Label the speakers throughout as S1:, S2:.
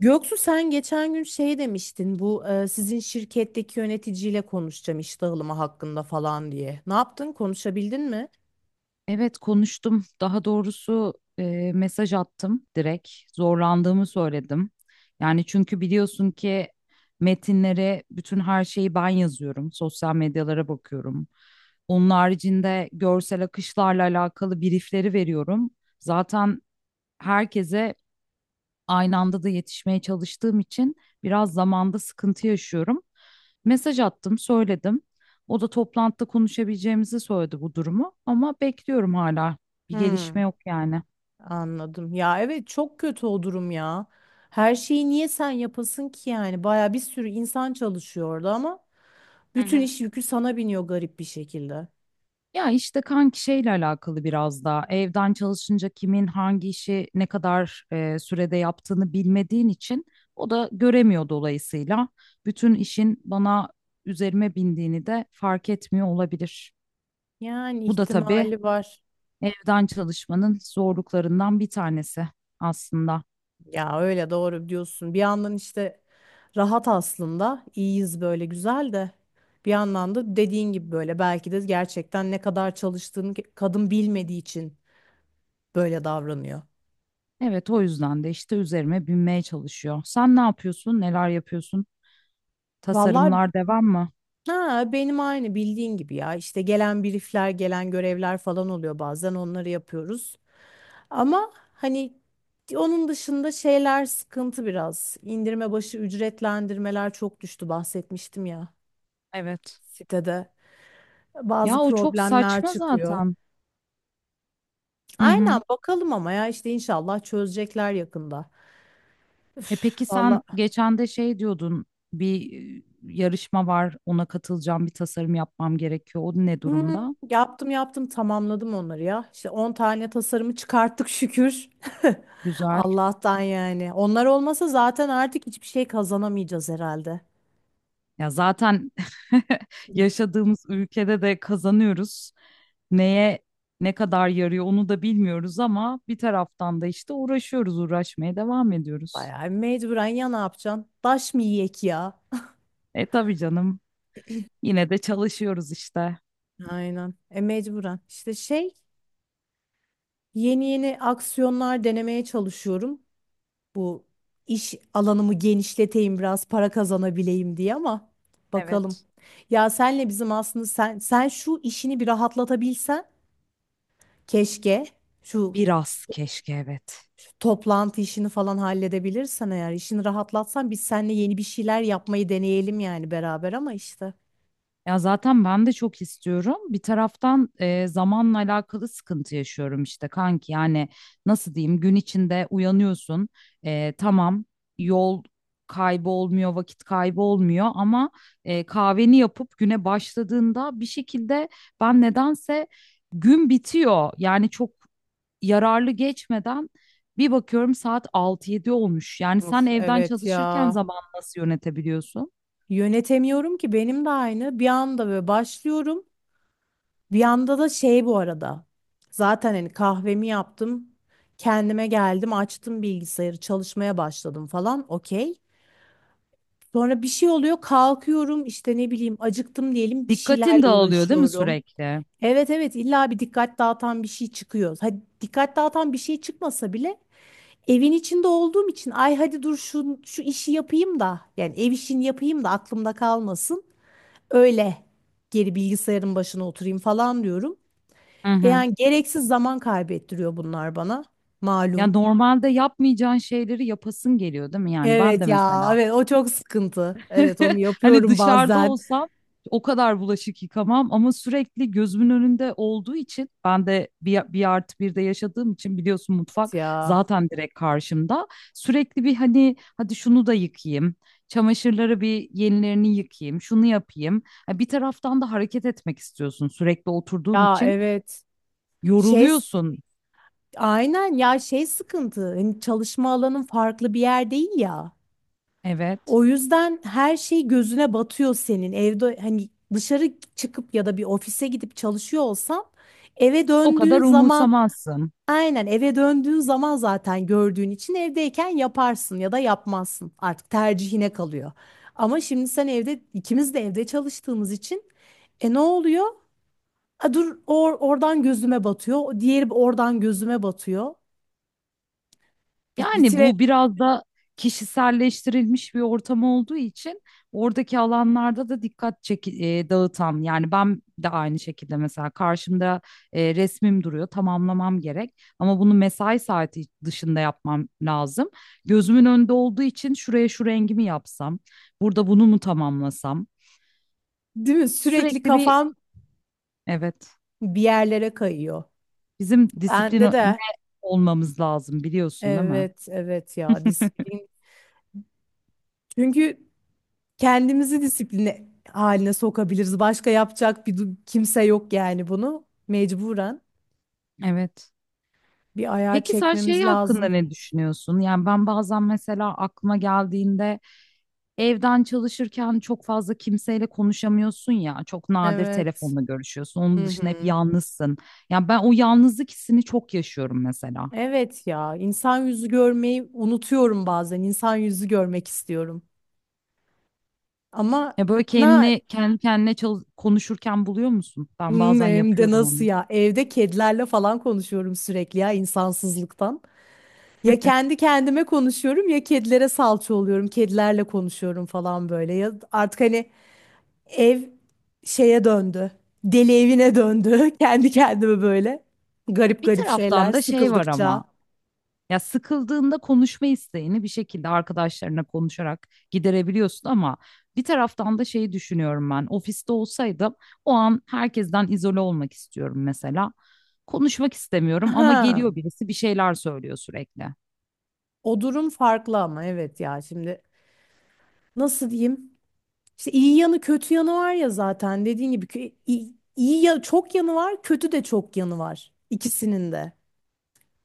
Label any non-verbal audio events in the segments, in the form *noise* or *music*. S1: Göksu sen geçen gün şey demiştin bu sizin şirketteki yöneticiyle konuşacağım iş dağılımı hakkında falan diye. Ne yaptın? Konuşabildin mi?
S2: Evet konuştum. Daha doğrusu mesaj attım direkt. Zorlandığımı söyledim. Yani çünkü biliyorsun ki metinlere bütün her şeyi ben yazıyorum. Sosyal medyalara bakıyorum. Onun haricinde görsel akışlarla alakalı briefleri veriyorum. Zaten herkese aynı anda da yetişmeye çalıştığım için biraz zamanda sıkıntı yaşıyorum. Mesaj attım, söyledim. O da toplantıda konuşabileceğimizi söyledi bu durumu, ama bekliyorum hala. Bir gelişme
S1: Hmm,
S2: yok yani.
S1: anladım. Ya evet, çok kötü o durum ya. Her şeyi niye sen yapasın ki yani? Baya bir sürü insan çalışıyor orada ama
S2: Hı
S1: bütün
S2: hı.
S1: iş yükü sana biniyor garip bir şekilde.
S2: Ya işte kanki şeyle alakalı biraz daha evden çalışınca kimin hangi işi ne kadar sürede yaptığını bilmediğin için o da göremiyor, dolayısıyla bütün işin bana, üzerime bindiğini de fark etmiyor olabilir.
S1: Yani
S2: Bu da tabii
S1: ihtimali var.
S2: evden çalışmanın zorluklarından bir tanesi aslında.
S1: Ya öyle, doğru diyorsun. Bir yandan işte rahat aslında. İyiyiz böyle, güzel de. Bir yandan da dediğin gibi böyle belki de gerçekten ne kadar çalıştığını kadın bilmediği için böyle davranıyor.
S2: Evet, o yüzden de işte üzerime binmeye çalışıyor. Sen ne yapıyorsun? Neler yapıyorsun?
S1: Vallahi
S2: Tasarımlar devam mı?
S1: ha, benim aynı bildiğin gibi ya. İşte gelen briefler, gelen görevler falan oluyor, bazen onları yapıyoruz. Ama hani onun dışında şeyler sıkıntı biraz. İndirme başı ücretlendirmeler çok düştü, bahsetmiştim ya
S2: Evet.
S1: sitede.
S2: Ya
S1: Bazı
S2: o çok
S1: problemler
S2: saçma
S1: çıkıyor.
S2: zaten. Hı
S1: Aynen,
S2: hı.
S1: bakalım ama ya işte inşallah çözecekler yakında.
S2: E peki, sen
S1: Vallahi.
S2: geçen de şey diyordun. Bir yarışma var. Ona katılacağım. Bir tasarım yapmam gerekiyor. O ne
S1: Hmm,
S2: durumda?
S1: yaptım tamamladım onları ya. İşte 10 tane tasarımı çıkarttık şükür. *laughs*
S2: Güzel.
S1: Allah'tan yani. Onlar olmasa zaten artık hiçbir şey kazanamayacağız herhalde.
S2: Ya zaten *laughs* yaşadığımız ülkede de kazanıyoruz, neye ne kadar yarıyor onu da bilmiyoruz ama bir taraftan da işte uğraşıyoruz, uğraşmaya devam ediyoruz.
S1: Bayağı mecburen, ya ne yapacaksın? Taş mı yiyek ya?
S2: E tabii canım, yine de çalışıyoruz işte.
S1: Aynen. E mecburen. İşte şey, yeni yeni aksiyonlar denemeye çalışıyorum. Bu iş alanımı genişleteyim, biraz para kazanabileyim diye ama bakalım.
S2: Evet.
S1: Ya senle bizim aslında sen şu işini bir rahatlatabilsen keşke şu,
S2: Biraz keşke, evet.
S1: şu toplantı işini falan halledebilirsen, eğer işini rahatlatsan biz seninle yeni bir şeyler yapmayı deneyelim yani beraber ama işte.
S2: Ya zaten ben de çok istiyorum. Bir taraftan zamanla alakalı sıkıntı yaşıyorum işte kanki. Yani nasıl diyeyim, gün içinde uyanıyorsun. E, tamam, yol kaybı olmuyor, vakit kaybı olmuyor ama kahveni yapıp güne başladığında bir şekilde ben nedense gün bitiyor. Yani çok yararlı geçmeden bir bakıyorum saat 6-7 olmuş. Yani sen
S1: Of,
S2: evden
S1: evet
S2: çalışırken
S1: ya.
S2: zaman nasıl yönetebiliyorsun?
S1: Yönetemiyorum ki, benim de aynı. Bir anda böyle başlıyorum. Bir yanda da şey bu arada. Zaten hani kahvemi yaptım. Kendime geldim, açtım bilgisayarı, çalışmaya başladım falan. Okey. Sonra bir şey oluyor, kalkıyorum işte ne bileyim acıktım diyelim, bir şeylerle
S2: Dikkatin dağılıyor değil mi
S1: uğraşıyorum.
S2: sürekli?
S1: Evet evet, illa bir dikkat dağıtan bir şey çıkıyor. Hadi dikkat dağıtan bir şey çıkmasa bile evin içinde olduğum için, ay hadi dur şu işi yapayım da yani ev işini yapayım da aklımda kalmasın. Öyle geri bilgisayarın başına oturayım falan diyorum.
S2: Hı hı.
S1: Yani gereksiz zaman kaybettiriyor bunlar bana.
S2: Ya
S1: Malum.
S2: normalde yapmayacağın şeyleri yapasın geliyor değil mi? Yani ben
S1: Evet
S2: de
S1: ya,
S2: mesela
S1: evet o çok sıkıntı. Evet, onu
S2: *laughs* hani
S1: yapıyorum
S2: dışarıda
S1: bazen.
S2: olsam o kadar bulaşık yıkamam ama sürekli gözümün önünde olduğu için, ben de 1+1 de yaşadığım için biliyorsun
S1: Evet
S2: mutfak
S1: ya.
S2: zaten direkt karşımda. Sürekli bir, hani hadi şunu da yıkayayım, çamaşırları bir yenilerini yıkayayım, şunu yapayım. Ha, bir taraftan da hareket etmek istiyorsun, sürekli oturduğun
S1: Ya
S2: için
S1: evet. Şey,
S2: yoruluyorsun.
S1: aynen ya, şey sıkıntı. Hani çalışma alanın farklı bir yer değil ya.
S2: Evet.
S1: O yüzden her şey gözüne batıyor senin. Evde hani dışarı çıkıp ya da bir ofise gidip çalışıyor olsan eve
S2: O
S1: döndüğün
S2: kadar
S1: zaman,
S2: umursamazsın.
S1: aynen, eve döndüğün zaman zaten gördüğün için evdeyken yaparsın ya da yapmazsın. Artık tercihine kalıyor. Ama şimdi sen evde, ikimiz de evde çalıştığımız için e ne oluyor? A, dur oradan gözüme batıyor. O diğeri oradan gözüme batıyor.
S2: Yani
S1: Bitire,
S2: bu biraz da kişiselleştirilmiş bir ortam olduğu için, oradaki alanlarda da dikkat dağıtan. Yani ben de aynı şekilde mesela karşımda resmim duruyor, tamamlamam gerek ama bunu mesai saati dışında yapmam lazım. Gözümün önünde olduğu için şuraya şu rengimi yapsam, burada bunu mu tamamlasam?
S1: değil mi? Sürekli
S2: Sürekli bir,
S1: kafam
S2: evet,
S1: bir yerlere kayıyor.
S2: bizim
S1: Bende
S2: disipline
S1: de.
S2: olmamız lazım, biliyorsun değil mi?
S1: Evet, evet ya,
S2: *laughs*
S1: disiplin. Çünkü kendimizi disipline haline sokabiliriz. Başka yapacak kimse yok yani bunu. Mecburen
S2: Evet.
S1: bir ayar
S2: Peki sen şey
S1: çekmemiz
S2: hakkında
S1: lazım.
S2: ne düşünüyorsun? Yani ben bazen, mesela aklıma geldiğinde, evden çalışırken çok fazla kimseyle konuşamıyorsun ya. Çok nadir
S1: Evet.
S2: telefonla görüşüyorsun. Onun
S1: Hı
S2: dışında hep
S1: hı.
S2: yalnızsın. Yani ben o yalnızlık hissini çok yaşıyorum mesela.
S1: Evet ya, insan yüzü görmeyi unutuyorum bazen. İnsan yüzü görmek istiyorum. Ama
S2: Ya böyle
S1: na
S2: kendini kendi kendine konuşurken buluyor musun? Ben
S1: Hmm,
S2: bazen
S1: hem de
S2: yapıyorum
S1: nasıl
S2: onu.
S1: ya? Evde kedilerle falan konuşuyorum sürekli ya, insansızlıktan. Ya kendi kendime konuşuyorum ya kedilere salça oluyorum. Kedilerle konuşuyorum falan böyle. Ya artık hani ev şeye döndü. Deli evine döndü. *laughs* Kendi kendime böyle. Garip
S2: Bir
S1: garip
S2: taraftan
S1: şeyler
S2: da şey var ama,
S1: sıkıldıkça.
S2: ya sıkıldığında konuşma isteğini bir şekilde arkadaşlarına konuşarak giderebiliyorsun, ama bir taraftan da şeyi düşünüyorum ben. Ofiste olsaydım o an herkesten izole olmak istiyorum mesela. Konuşmak istemiyorum ama
S1: Ha,
S2: geliyor birisi, bir şeyler söylüyor sürekli.
S1: o durum farklı ama evet ya, şimdi nasıl diyeyim? İşte iyi yanı kötü yanı var ya, zaten dediğin gibi iyi, iyi ya, çok yanı var, kötü de çok yanı var ikisinin de.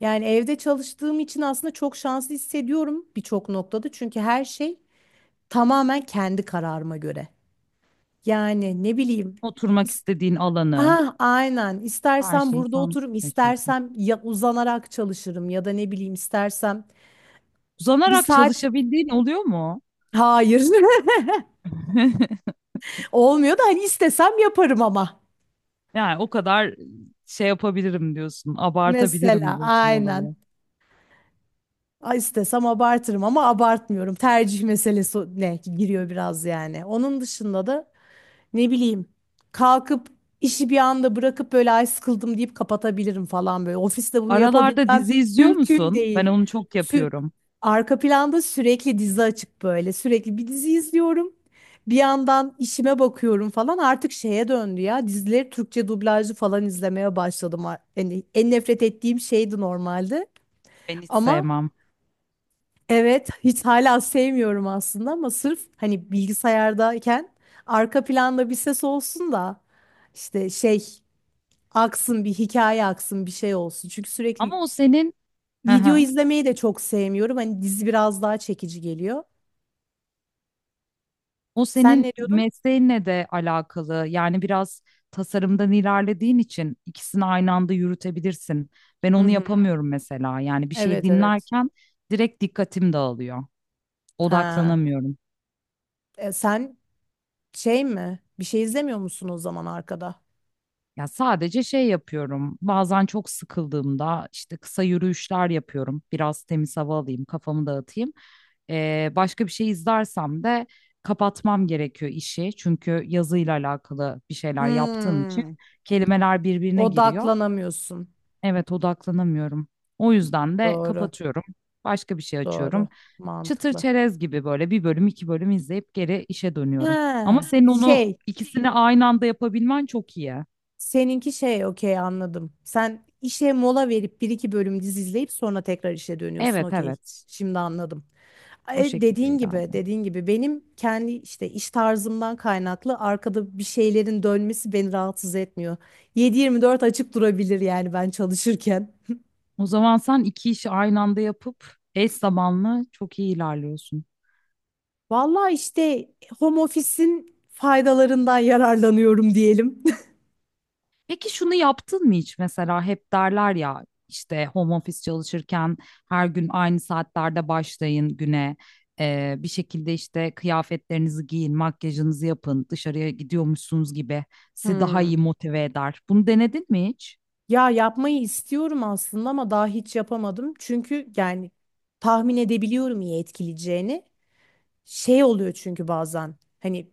S1: Yani evde çalıştığım için aslında çok şanslı hissediyorum birçok noktada. Çünkü her şey tamamen kendi kararıma göre. Yani ne bileyim.
S2: Oturmak
S1: is-
S2: istediğin alanı,
S1: Ah, aynen.
S2: her
S1: İstersem
S2: şeyi
S1: burada
S2: sen
S1: otururum,
S2: seçiyorsun.
S1: istersem ya uzanarak çalışırım ya da ne bileyim istersem bir
S2: Uzanarak
S1: saat,
S2: çalışabildiğin oluyor mu?
S1: hayır. *laughs*
S2: *laughs*
S1: Olmuyor da hani istesem yaparım ama.
S2: Yani o kadar şey yapabilirim diyorsun, abartabilirim
S1: Mesela
S2: diyorsun
S1: aynen.
S2: olayı.
S1: Ay, İstesem abartırım ama abartmıyorum. Tercih meselesi ne giriyor biraz yani. Onun dışında da ne bileyim kalkıp işi bir anda bırakıp böyle ay sıkıldım deyip kapatabilirim falan böyle. Ofiste bunu
S2: Aralarda dizi
S1: yapabilmem
S2: izliyor
S1: mümkün
S2: musun? Ben
S1: değil.
S2: onu çok
S1: Sü-
S2: yapıyorum.
S1: Arka planda sürekli dizi açık böyle. Sürekli bir dizi izliyorum. Bir yandan işime bakıyorum falan, artık şeye döndü ya. Dizileri Türkçe dublajlı falan izlemeye başladım. Yani en nefret ettiğim şeydi normalde.
S2: Ben hiç
S1: Ama
S2: sevmem.
S1: evet, hiç hala sevmiyorum aslında ama sırf hani bilgisayardayken arka planda bir ses olsun da işte şey aksın, bir hikaye aksın, bir şey olsun. Çünkü sürekli
S2: Ama o senin, hı
S1: video
S2: hı,
S1: izlemeyi de çok sevmiyorum. Hani dizi biraz daha çekici geliyor.
S2: o
S1: Sen
S2: senin
S1: ne diyordun?
S2: mesleğinle de alakalı. Yani biraz tasarımdan ilerlediğin için ikisini aynı anda yürütebilirsin. Ben
S1: Hı
S2: onu
S1: hı.
S2: yapamıyorum mesela. Yani bir şey
S1: Evet evet.
S2: dinlerken direkt dikkatim dağılıyor.
S1: Ha.
S2: Odaklanamıyorum.
S1: E, sen şey mi? Bir şey izlemiyor musun o zaman arkada?
S2: Ya sadece şey yapıyorum. Bazen çok sıkıldığımda işte kısa yürüyüşler yapıyorum. Biraz temiz hava alayım, kafamı dağıtayım. Başka bir şey izlersem de kapatmam gerekiyor işi. Çünkü yazıyla alakalı bir şeyler yaptığım için
S1: Hmm.
S2: kelimeler birbirine giriyor.
S1: Odaklanamıyorsun.
S2: Evet, odaklanamıyorum. O yüzden de
S1: Doğru.
S2: kapatıyorum, başka bir şey
S1: Doğru.
S2: açıyorum. Çıtır
S1: Mantıklı.
S2: çerez gibi böyle bir bölüm, iki bölüm izleyip geri işe dönüyorum. Ama
S1: Ha,
S2: senin onu,
S1: şey.
S2: ikisini aynı anda yapabilmen çok iyi.
S1: Seninki şey, okey, anladım. Sen işe mola verip bir iki bölüm dizi izleyip sonra tekrar işe dönüyorsun,
S2: Evet,
S1: okey.
S2: evet.
S1: Şimdi anladım.
S2: O
S1: E,
S2: şekilde
S1: dediğin gibi
S2: ilerliyorum.
S1: dediğin gibi benim kendi işte iş tarzımdan kaynaklı arkada bir şeylerin dönmesi beni rahatsız etmiyor. 7/24 açık durabilir yani ben çalışırken.
S2: O zaman sen iki işi aynı anda yapıp eş zamanlı çok iyi ilerliyorsun.
S1: Vallahi işte home office'in faydalarından yararlanıyorum diyelim.
S2: Peki şunu yaptın mı hiç? Mesela hep derler ya, işte home office çalışırken her gün aynı saatlerde başlayın güne. Bir şekilde işte kıyafetlerinizi giyin, makyajınızı yapın, dışarıya gidiyormuşsunuz gibi sizi daha
S1: Hmm.
S2: iyi motive eder. Bunu denedin mi hiç?
S1: Ya yapmayı istiyorum aslında ama daha hiç yapamadım. Çünkü yani tahmin edebiliyorum iyi etkileyeceğini. Şey oluyor çünkü bazen hani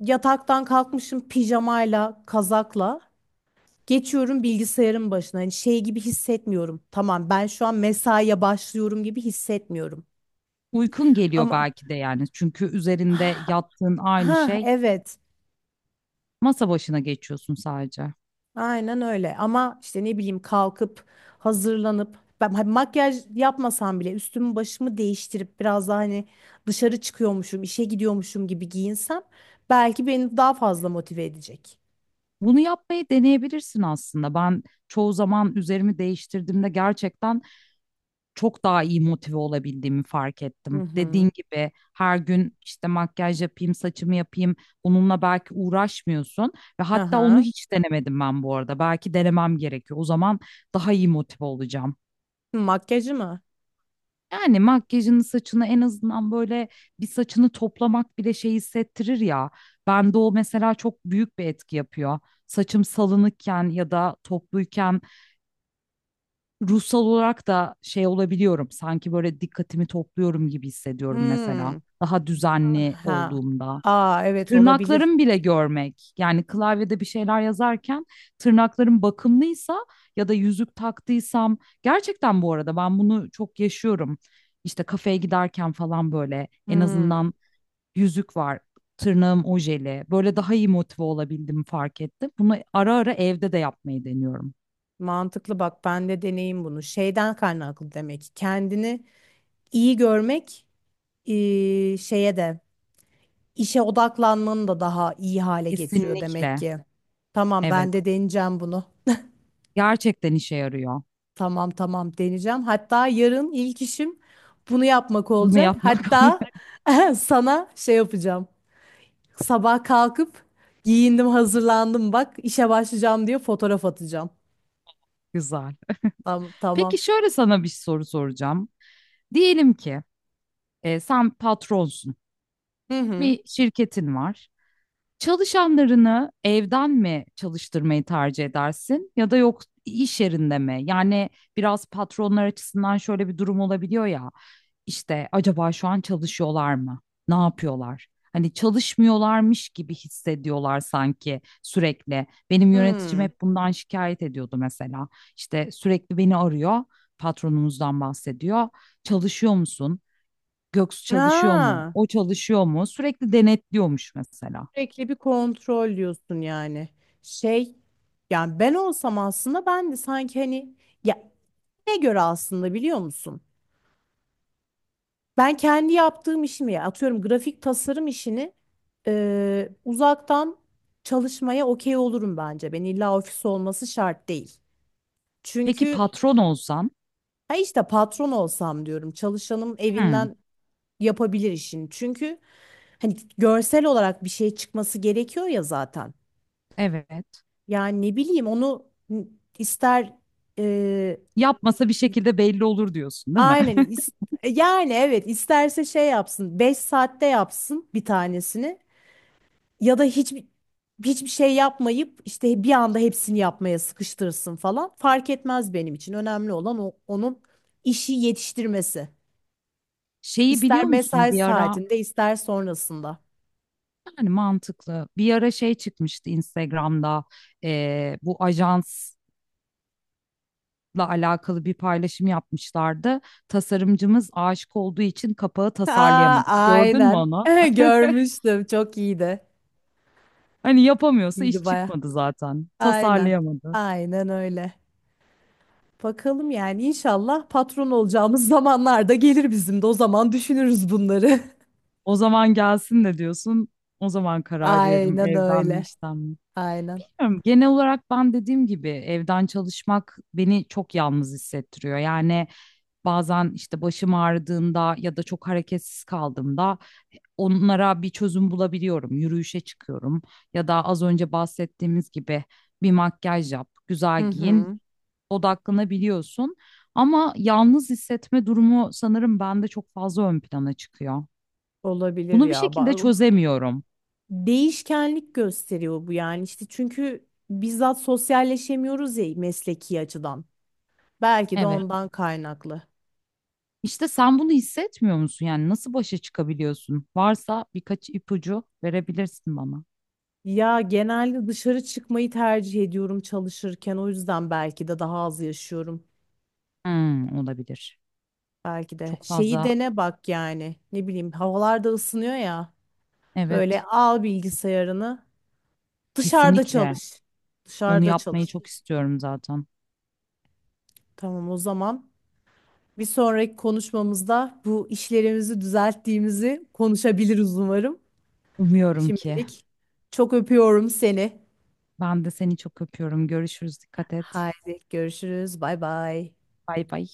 S1: yataktan kalkmışım pijamayla, kazakla. Geçiyorum bilgisayarın başına. Hani şey gibi hissetmiyorum. Tamam ben şu an mesaiye başlıyorum gibi hissetmiyorum.
S2: Uykun geliyor
S1: Ama
S2: belki de yani. Çünkü üzerinde yattığın aynı
S1: ha,
S2: şey,
S1: evet,
S2: masa başına geçiyorsun sadece.
S1: aynen öyle. Ama işte ne bileyim kalkıp hazırlanıp ben hani makyaj yapmasam bile üstümü başımı değiştirip biraz daha hani dışarı çıkıyormuşum, işe gidiyormuşum gibi giyinsem belki beni daha fazla motive edecek.
S2: Bunu yapmayı deneyebilirsin aslında. Ben çoğu zaman üzerimi değiştirdiğimde gerçekten çok daha iyi motive olabildiğimi fark
S1: Hı
S2: ettim.
S1: hı.
S2: Dediğin gibi her gün işte makyaj yapayım, saçımı yapayım. Bununla belki uğraşmıyorsun, ve hatta onu
S1: Aha.
S2: hiç denemedim ben bu arada. Belki denemem gerekiyor. O zaman daha iyi motive olacağım.
S1: Makyajı mı?
S2: Yani makyajını, saçını en azından, böyle bir saçını toplamak bile şey hissettirir ya. Bende o mesela çok büyük bir etki yapıyor. Saçım salınıkken ya da topluyken ruhsal olarak da şey olabiliyorum. Sanki böyle dikkatimi topluyorum gibi hissediyorum mesela,
S1: Hmm.
S2: daha düzenli
S1: Ha.
S2: olduğumda.
S1: Aa, evet olabilir.
S2: Tırnaklarım bile görmek. Yani klavyede bir şeyler yazarken tırnaklarım bakımlıysa ya da yüzük taktıysam, gerçekten bu arada ben bunu çok yaşıyorum. İşte kafeye giderken falan, böyle en
S1: Hmm.
S2: azından yüzük var, tırnağım ojeli, böyle daha iyi motive olabildim, fark ettim. Bunu ara ara evde de yapmayı deniyorum.
S1: Mantıklı, bak ben de deneyim bunu. Şeyden kaynaklı demek ki, kendini iyi görmek şeye de, işe odaklanmanı da daha iyi hale getiriyor demek
S2: Kesinlikle.
S1: ki. Tamam,
S2: Evet.
S1: ben de deneyeceğim bunu.
S2: Gerçekten işe yarıyor.
S1: Tamam tamam deneyeceğim. Hatta yarın ilk işim bunu yapmak
S2: Bunu
S1: olacak.
S2: yapmak
S1: Hatta
S2: *laughs*
S1: *laughs* sana şey yapacağım. Sabah kalkıp giyindim, hazırlandım, bak işe başlayacağım diye fotoğraf atacağım.
S2: güzel.
S1: Tamam
S2: Peki
S1: tamam.
S2: şöyle sana bir soru soracağım. Diyelim ki sen patronsun,
S1: Hı hı.
S2: bir şirketin var. Çalışanlarını evden mi çalıştırmayı tercih edersin, ya da yok iş yerinde mi? Yani biraz patronlar açısından şöyle bir durum olabiliyor ya, işte acaba şu an çalışıyorlar mı? Ne yapıyorlar? Hani çalışmıyorlarmış gibi hissediyorlar sanki sürekli. Benim yöneticim
S1: Hı.
S2: hep bundan şikayet ediyordu mesela. İşte sürekli beni arıyor, patronumuzdan bahsediyor. Çalışıyor musun? Göksu çalışıyor
S1: Aa.
S2: mu? O çalışıyor mu? Sürekli denetliyormuş mesela.
S1: Sürekli bir kontrol diyorsun yani. Şey, yani ben olsam aslında ben de sanki hani ya, ne göre aslında, biliyor musun? Ben kendi yaptığım işimi, ya atıyorum grafik tasarım işini, uzaktan çalışmaya okey olurum bence. Ben illa ofis olması şart değil.
S2: Peki
S1: Çünkü
S2: patron olsan,
S1: ha, işte patron olsam diyorum, çalışanım
S2: "Hmm,
S1: evinden yapabilir işini. Çünkü hani görsel olarak bir şey çıkması gerekiyor ya zaten.
S2: evet.
S1: Yani ne bileyim, onu ister e,
S2: Yapmasa bir şekilde belli olur" diyorsun, değil mi?
S1: aynen,
S2: *laughs*
S1: yani evet isterse şey yapsın, 5 saatte yapsın bir tanesini ya da hiçbir şey yapmayıp işte bir anda hepsini yapmaya sıkıştırsın falan, fark etmez benim için, önemli olan o, onun işi yetiştirmesi,
S2: Şeyi
S1: ister
S2: biliyor musun,
S1: mesai
S2: bir ara,
S1: saatinde ister sonrasında.
S2: yani mantıklı, bir ara şey çıkmıştı Instagram'da, bu ajansla alakalı bir paylaşım yapmışlardı. Tasarımcımız aşık olduğu için kapağı
S1: Aa,
S2: tasarlayamadı. Gördün mü
S1: aynen
S2: onu?
S1: *laughs* görmüştüm, çok iyiydi,
S2: Hani yapamıyorsa
S1: iyiydi
S2: iş
S1: baya,
S2: çıkmadı zaten,
S1: aynen
S2: tasarlayamadı.
S1: aynen öyle. Bakalım yani, inşallah patron olacağımız *laughs* zamanlarda gelir, bizim de o zaman düşünürüz bunları.
S2: O zaman gelsin de diyorsun. O zaman
S1: *laughs*
S2: karar veririm
S1: Aynen
S2: evden mi,
S1: öyle.
S2: işten mi.
S1: Aynen.
S2: Bilmiyorum. Genel olarak ben, dediğim gibi, evden çalışmak beni çok yalnız hissettiriyor. Yani bazen işte başım ağrıdığında ya da çok hareketsiz kaldığımda onlara bir çözüm bulabiliyorum. Yürüyüşe çıkıyorum ya da az önce bahsettiğimiz gibi bir makyaj yap, güzel
S1: Hı
S2: giyin,
S1: hı.
S2: odaklanabiliyorsun. Ama yalnız hissetme durumu sanırım bende çok fazla ön plana çıkıyor.
S1: Olabilir
S2: Bunu bir
S1: ya.
S2: şekilde çözemiyorum.
S1: Değişkenlik gösteriyor bu yani, işte çünkü bizzat sosyalleşemiyoruz ya mesleki açıdan. Belki de
S2: Evet.
S1: ondan kaynaklı.
S2: İşte sen bunu hissetmiyor musun? Yani nasıl başa çıkabiliyorsun? Varsa birkaç ipucu verebilirsin bana.
S1: Ya genelde dışarı çıkmayı tercih ediyorum çalışırken. O yüzden belki de daha az yaşıyorum.
S2: Hmm, olabilir.
S1: Belki de.
S2: Çok
S1: Şeyi
S2: fazla.
S1: dene bak yani. Ne bileyim havalar da ısınıyor ya. Böyle
S2: Evet.
S1: al bilgisayarını. Dışarıda
S2: Kesinlikle.
S1: çalış.
S2: Onu
S1: Dışarıda
S2: yapmayı
S1: çalış.
S2: çok istiyorum zaten.
S1: Tamam o zaman. Bir sonraki konuşmamızda bu işlerimizi düzelttiğimizi konuşabiliriz umarım.
S2: Umuyorum ki.
S1: Şimdilik çok öpüyorum seni.
S2: Ben de seni çok öpüyorum. Görüşürüz. Dikkat et.
S1: Haydi görüşürüz. Bay bay.
S2: Bay bay.